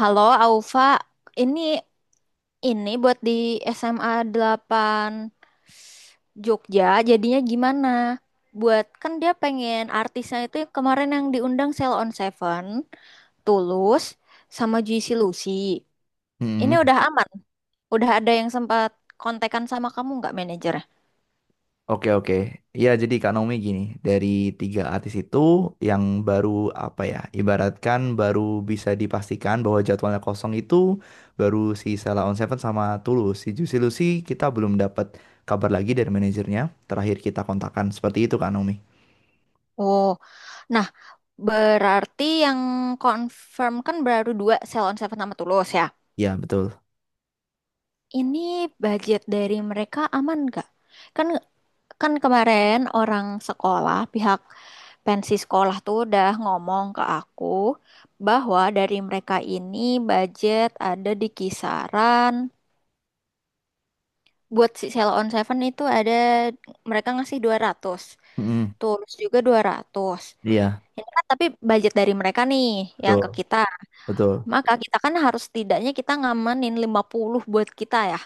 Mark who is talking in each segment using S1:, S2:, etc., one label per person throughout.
S1: Halo Aufa, ini ini buat di SMA 8 Jogja, jadinya gimana? Buat kan dia pengen artisnya itu kemarin yang diundang Sell on Seven, Tulus, sama Juicy Lucy. Ini
S2: Mm-mm.
S1: udah aman, udah ada yang sempat kontekan sama kamu nggak manajernya?
S2: Oke oke. Iya jadi Kak Naomi gini, dari tiga artis itu yang baru apa ya, ibaratkan baru bisa dipastikan bahwa jadwalnya kosong itu baru si Sheila on Seven sama Tulus. Si Juicy Lucy kita belum dapat kabar lagi dari manajernya. Terakhir kita kontakkan seperti itu Kak Naomi.
S1: Oh, nah berarti yang confirm kan baru dua Sell on Seven sama Tulus ya?
S2: Iya betul.
S1: Ini budget dari mereka aman nggak? Kan kan kemarin orang sekolah, pihak pensi sekolah tuh udah ngomong ke aku bahwa dari mereka ini budget ada di kisaran buat si Sell on Seven itu ada mereka ngasih 200,
S2: Mm-mm.
S1: Tulus juga 200.
S2: Iya
S1: Ini kan tapi budget dari mereka nih yang ke
S2: betul
S1: kita.
S2: betul.
S1: Maka kita kan harus setidaknya kita ngamanin 50 buat kita ya.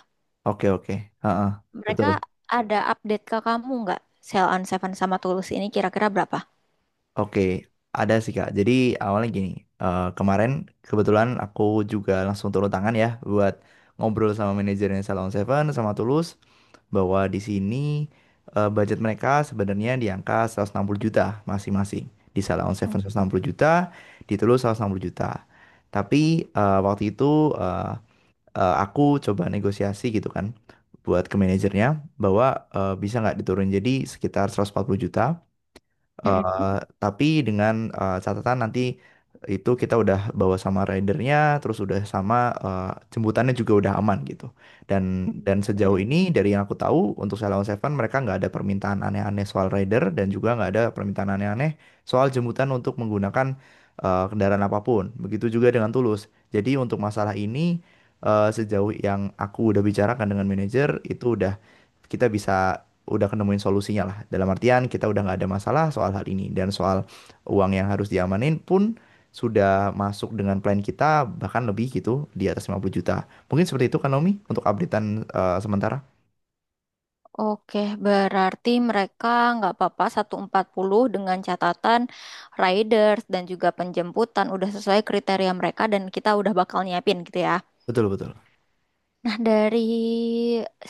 S2: Oke oke. Heeh,
S1: Mereka
S2: betul.
S1: ada update ke kamu nggak? Sell on Seven sama Tulus ini kira-kira berapa?
S2: Oke, ada sih Kak. Jadi awalnya gini, kemarin kebetulan aku juga langsung turun tangan ya buat ngobrol sama manajernya Salon Seven sama Tulus bahwa di sini budget mereka sebenarnya di angka 160 juta masing-masing. Di Salon
S1: Oh,
S2: Seven 160 juta, di Tulus 160 juta. Tapi waktu itu eh, aku coba negosiasi gitu kan buat ke manajernya bahwa bisa nggak diturun jadi sekitar 140 juta.
S1: mm-mm,
S2: Eh, tapi dengan catatan nanti itu kita udah bawa sama ridernya, terus udah sama eh, jemputannya juga udah aman gitu. Dan dan sejauh
S1: mm-mm.
S2: ini dari yang aku tahu untuk Sailor Seven mereka nggak ada permintaan aneh-aneh soal rider dan juga nggak ada permintaan aneh-aneh soal jemputan untuk menggunakan kendaraan apapun. Begitu juga dengan Tulus. Jadi untuk masalah ini sejauh yang aku udah bicarakan dengan manajer itu udah kita bisa udah nemuin solusinya lah. Dalam artian kita udah nggak ada masalah soal hal ini dan soal uang yang harus diamanin pun sudah masuk dengan plan kita, bahkan lebih gitu di atas 50 juta. Mungkin seperti itu kan Naomi untuk updatean sementara.
S1: Oke, berarti mereka nggak apa-apa 140 dengan catatan riders dan juga penjemputan udah sesuai kriteria mereka dan kita udah bakal nyiapin gitu ya.
S2: Betul betul.
S1: Nah, dari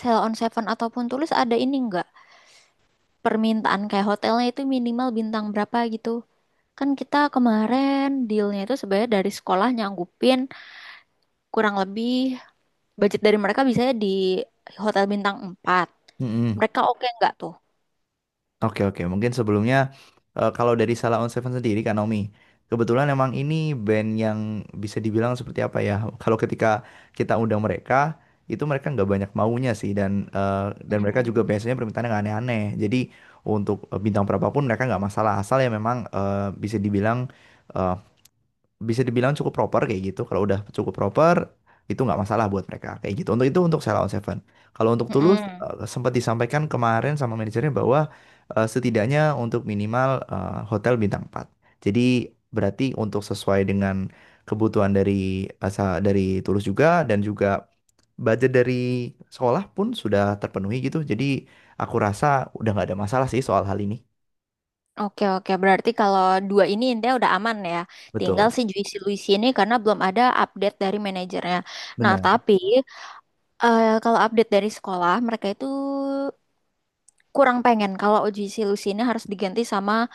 S1: Sell on Seven ataupun Tulus ada ini nggak? Permintaan kayak hotelnya itu minimal bintang berapa gitu? Kan kita kemarin dealnya itu sebenarnya dari sekolah nyanggupin kurang lebih budget dari mereka biasanya di hotel bintang 4. Mereka oke nggak tuh?
S2: Oke oke, mungkin sebelumnya kalau dari Salah On Seven sendiri Kak Naomi, kebetulan emang ini band yang bisa dibilang seperti apa ya? Kalau ketika kita undang mereka, itu mereka nggak banyak maunya sih dan mereka
S1: Mm-mm,
S2: juga biasanya permintaannya nggak aneh-aneh. Jadi untuk bintang berapapun mereka nggak masalah asal ya memang eh, bisa dibilang cukup proper kayak gitu. Kalau udah cukup proper, itu nggak masalah buat mereka kayak gitu. Untuk Sheila on Seven. Kalau untuk Tulus
S1: mm-mm.
S2: sempat disampaikan kemarin sama manajernya bahwa setidaknya untuk minimal hotel bintang empat. Jadi berarti untuk sesuai dengan kebutuhan dari asa dari Tulus juga dan juga budget dari sekolah pun sudah terpenuhi gitu. Jadi aku rasa udah nggak ada masalah sih soal hal ini.
S1: Oke, oke, berarti kalau dua ini intinya udah aman ya. Tinggal
S2: Betul,
S1: si Juicy Luicy ini karena belum ada update dari manajernya. Nah
S2: benar.
S1: tapi kalau update dari sekolah mereka itu kurang pengen kalau Juicy Luicy ini harus diganti sama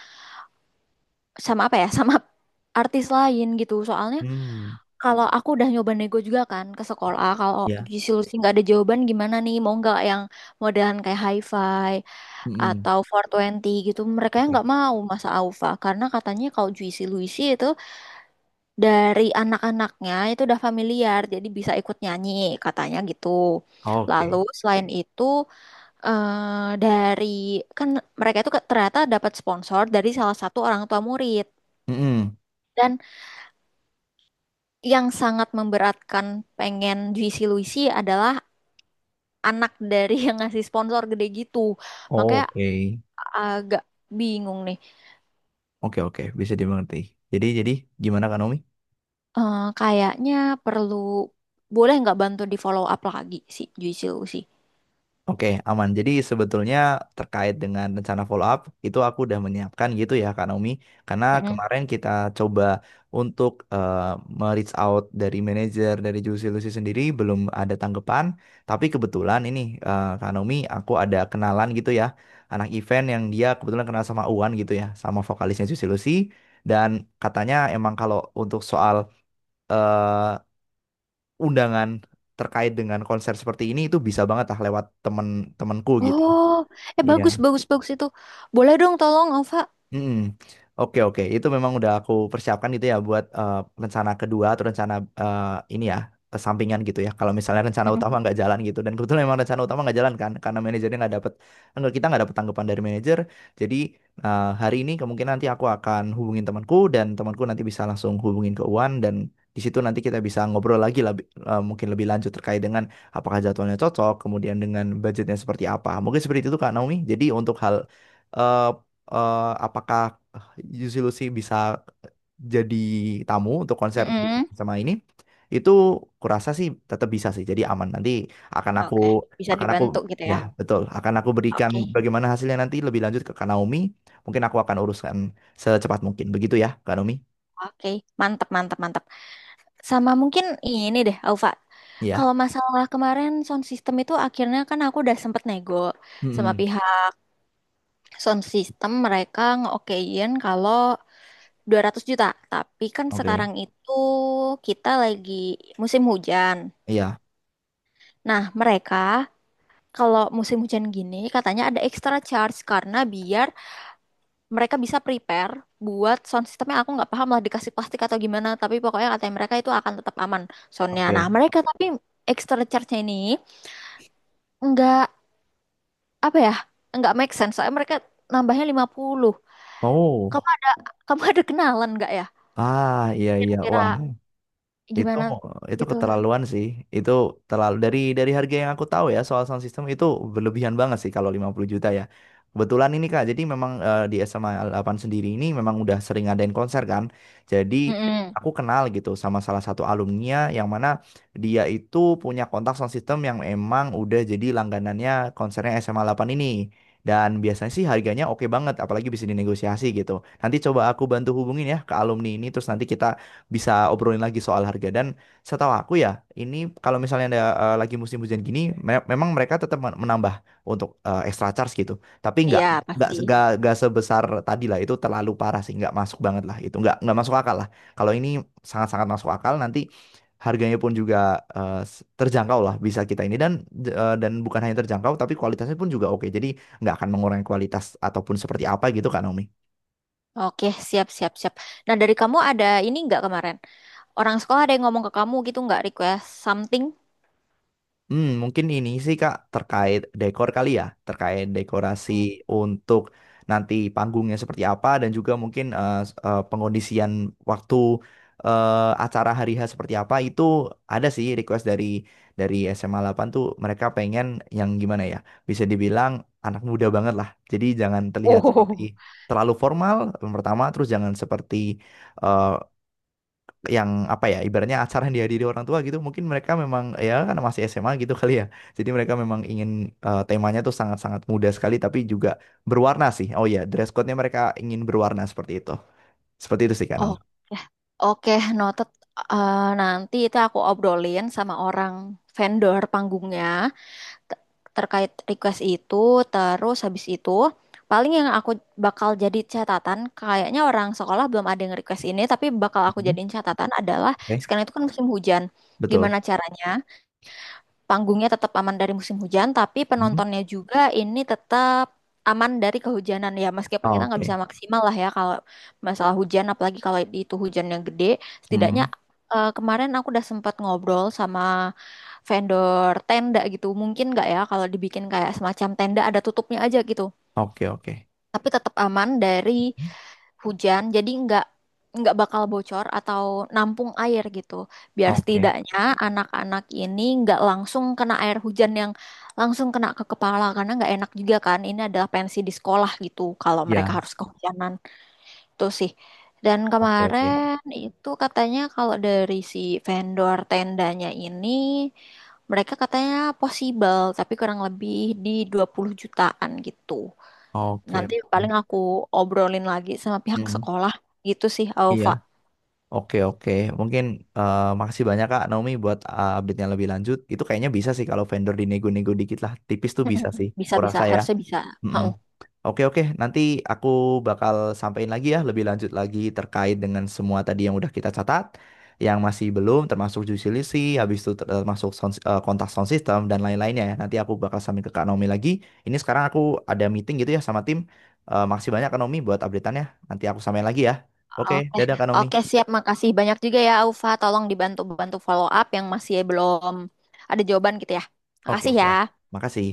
S1: sama apa ya? Sama artis lain gitu. Soalnya
S2: Hmm,
S1: kalau aku udah nyoba nego juga kan ke sekolah kalau
S2: ya.
S1: solusi nggak ada jawaban gimana nih mau nggak yang modelan kayak hi-fi
S2: Mm-mm.
S1: atau four twenty gitu mereka yang
S2: Oke.
S1: nggak mau masa Aufa karena katanya kalau Juicy Luicy itu dari anak-anaknya itu udah familiar jadi bisa ikut nyanyi katanya gitu lalu
S2: Oke.
S1: selain itu dari kan mereka itu ternyata dapat sponsor dari salah satu orang tua murid.
S2: Mm-mm.
S1: Dan yang sangat memberatkan pengen Juicy Luicy adalah anak dari yang ngasih sponsor gede gitu.
S2: Oh,
S1: Makanya
S2: oke.
S1: agak bingung nih.
S2: Oke oke bisa dimengerti. Jadi gimana kan Omi?
S1: Kayaknya perlu boleh nggak bantu di follow up lagi si Juicy Lucy?
S2: Oke aman. Jadi sebetulnya terkait dengan rencana follow up itu aku udah menyiapkan gitu ya Kak Naomi. Karena
S1: Mm-mm,
S2: kemarin kita coba untuk me-reach out dari manajer dari Juicy Lucy sendiri belum ada tanggapan. Tapi kebetulan ini Kak Naomi aku ada kenalan gitu ya, anak event yang dia kebetulan kenal sama Uwan gitu ya, sama vokalisnya Juicy Lucy. Dan katanya emang kalau untuk soal eh, undangan terkait dengan konser seperti ini itu bisa banget lah lewat temanku gitu.
S1: oh, bagus
S2: Iya.
S1: bagus bagus itu. Boleh dong tolong Ova.
S2: Mm-mm. Oke oke, itu memang udah aku persiapkan gitu ya buat rencana kedua atau rencana eh, ini ya, sampingan gitu ya. Kalau misalnya rencana
S1: Mm-mm,
S2: utama nggak jalan gitu, dan kebetulan memang rencana utama nggak jalan kan, karena manajernya nggak dapet, enggak kita nggak dapet tanggapan dari manajer. Jadi hari ini kemungkinan nanti aku akan hubungin temanku dan temanku nanti bisa langsung hubungin ke Uwan dan di situ nanti kita bisa ngobrol lagi lebih, mungkin lebih lanjut terkait dengan apakah jadwalnya cocok, kemudian dengan budgetnya seperti apa. Mungkin seperti itu Kak Naomi. Jadi untuk hal eh, eh, apakah Juicy Lucy bisa jadi tamu untuk konser di
S1: mm-mm.
S2: sama ini itu kurasa sih tetap bisa sih, jadi aman. Nanti akan aku
S1: Oke, bisa
S2: akan aku
S1: dibantu gitu
S2: ya
S1: ya.
S2: betul akan aku berikan
S1: Oke,
S2: bagaimana hasilnya nanti lebih lanjut ke Kak Naomi. Mungkin aku akan uruskan secepat mungkin begitu ya Kak Naomi.
S1: oke, mantap, mantap, mantap. Sama mungkin ini deh, Alfa.
S2: Ya.
S1: Kalau masalah kemarin sound system itu akhirnya kan aku udah sempet nego sama
S2: Mm-mm.
S1: pihak sound system mereka ngeokein kalau 200 juta. Tapi kan
S2: Oke.
S1: sekarang itu kita lagi musim hujan.
S2: Iya.
S1: Nah, mereka kalau musim hujan gini katanya ada extra charge karena biar mereka bisa prepare buat sound systemnya aku nggak paham lah dikasih plastik atau gimana tapi pokoknya katanya mereka itu akan tetap aman soundnya nah
S2: Oke.
S1: mereka tapi extra charge-nya ini nggak apa ya nggak make sense soalnya mereka nambahnya 50. kamu
S2: Oh.
S1: ada, kamu ada kenalan nggak ya
S2: Ah, iya iya,
S1: kira-kira
S2: wah. Itu
S1: gimana
S2: itu
S1: gitu.
S2: keterlaluan sih. Itu terlalu dari harga yang aku tahu ya soal sound system itu, berlebihan banget sih kalau 50 juta ya. Kebetulan ini Kak, jadi memang di SMA 8 sendiri ini memang udah sering ngadain konser kan. Jadi
S1: Mm-mm.
S2: aku kenal gitu sama salah satu alumni yang mana dia itu punya kontak sound system yang emang udah jadi langganannya konsernya SMA 8 ini. Dan biasanya sih harganya oke banget, apalagi bisa dinegosiasi gitu. Nanti coba aku bantu hubungin ya ke alumni ini, terus nanti kita bisa obrolin lagi soal harga. Dan setahu aku ya, ini kalau misalnya ada lagi musim hujan gini, memang mereka tetap menambah untuk extra charge gitu, tapi nggak
S1: Iya,
S2: nggak
S1: pasti.
S2: nggak nggak sebesar tadi lah, itu terlalu parah sih, nggak masuk banget lah itu, nggak masuk akal lah. Kalau ini sangat-sangat masuk akal, nanti harganya pun juga terjangkau lah bisa kita ini. Dan bukan hanya terjangkau tapi kualitasnya pun juga oke, jadi nggak akan mengurangi kualitas ataupun seperti apa gitu kan Naomi.
S1: Oke, siap, siap, siap. Nah, dari kamu ada ini nggak kemarin? Orang sekolah ada yang ngomong ke kamu gitu nggak request something?
S2: Hmm, mungkin ini sih Kak terkait dekor kali ya, terkait dekorasi
S1: Mm.
S2: untuk nanti panggungnya seperti apa dan juga mungkin pengondisian waktu acara hari H seperti apa. Itu ada sih request dari SMA 8 tuh, mereka pengen yang gimana ya? Bisa dibilang anak muda banget lah. Jadi jangan terlihat seperti
S1: Oh.
S2: terlalu formal yang pertama, terus jangan seperti eh, yang apa ya, ibaratnya acara yang dihadiri orang tua gitu. Mungkin mereka memang ya kan masih SMA gitu kali ya, jadi mereka memang ingin temanya tuh sangat-sangat muda sekali tapi juga berwarna sih. Oh ya, dress code-nya mereka ingin berwarna, seperti itu sih Kanong.
S1: Oke, oke, noted. Nanti itu aku obrolin sama orang vendor panggungnya. te- Terkait request itu, terus habis itu paling yang aku bakal jadi catatan, kayaknya orang sekolah belum ada yang request ini tapi bakal aku
S2: Mhm.
S1: jadiin catatan adalah
S2: Oke.
S1: sekarang itu kan musim hujan,
S2: Betul.
S1: gimana caranya panggungnya tetap aman dari musim hujan, tapi
S2: Mhm.
S1: penontonnya juga ini tetap aman dari kehujanan ya. Meskipun
S2: Oh,
S1: kita nggak
S2: oke.
S1: bisa maksimal lah ya kalau masalah hujan, apalagi kalau itu hujan yang gede. Setidaknya
S2: Mm.
S1: kemarin aku udah sempat ngobrol sama vendor tenda gitu. Mungkin nggak ya kalau dibikin kayak semacam tenda ada tutupnya aja gitu.
S2: Oke oke.
S1: Tapi tetap aman dari
S2: Mhm.
S1: hujan jadi nggak bakal bocor atau nampung air gitu biar
S2: Oke
S1: setidaknya anak-anak ini nggak langsung kena air hujan yang langsung kena ke kepala karena nggak enak juga kan ini adalah pensi di sekolah gitu kalau mereka
S2: ya.
S1: harus kehujanan itu sih. Dan
S2: Oke, oke.
S1: kemarin itu katanya kalau dari si vendor tendanya ini mereka katanya possible tapi kurang lebih di 20 jutaan gitu.
S2: Oke
S1: Nanti paling
S2: oke.
S1: aku obrolin lagi sama pihak
S2: Mhm. Mm.
S1: sekolah gitu sih,
S2: Iya.
S1: Alfa.
S2: Oke oke, mungkin makasih banyak Kak Naomi buat update-nya lebih lanjut. Itu kayaknya bisa sih kalau vendor dinego-nego dikit lah, tipis tuh bisa sih,
S1: Bisa-bisa,
S2: kurasa ya.
S1: harusnya bisa.
S2: Mm-mm.
S1: Heeh.
S2: Oke oke, nanti aku bakal sampaikan lagi ya, lebih lanjut lagi terkait dengan semua tadi yang udah kita catat, yang masih belum, termasuk juicy list, habis itu termasuk sound, kontak sound system dan lain-lainnya ya. Nanti aku bakal sampaikan ke Kak Naomi lagi. Ini sekarang aku ada meeting gitu ya sama tim. Makasih banyak Kak Naomi buat update-annya. Nanti aku sampaikan lagi ya. Oke,
S1: Oke,
S2: dadah Kak Naomi.
S1: oke siap. Makasih banyak juga ya, Alfa. Tolong dibantu-bantu follow up yang masih belum ada jawaban gitu ya.
S2: Oke,
S1: Makasih
S2: siap.
S1: ya.
S2: Makasih.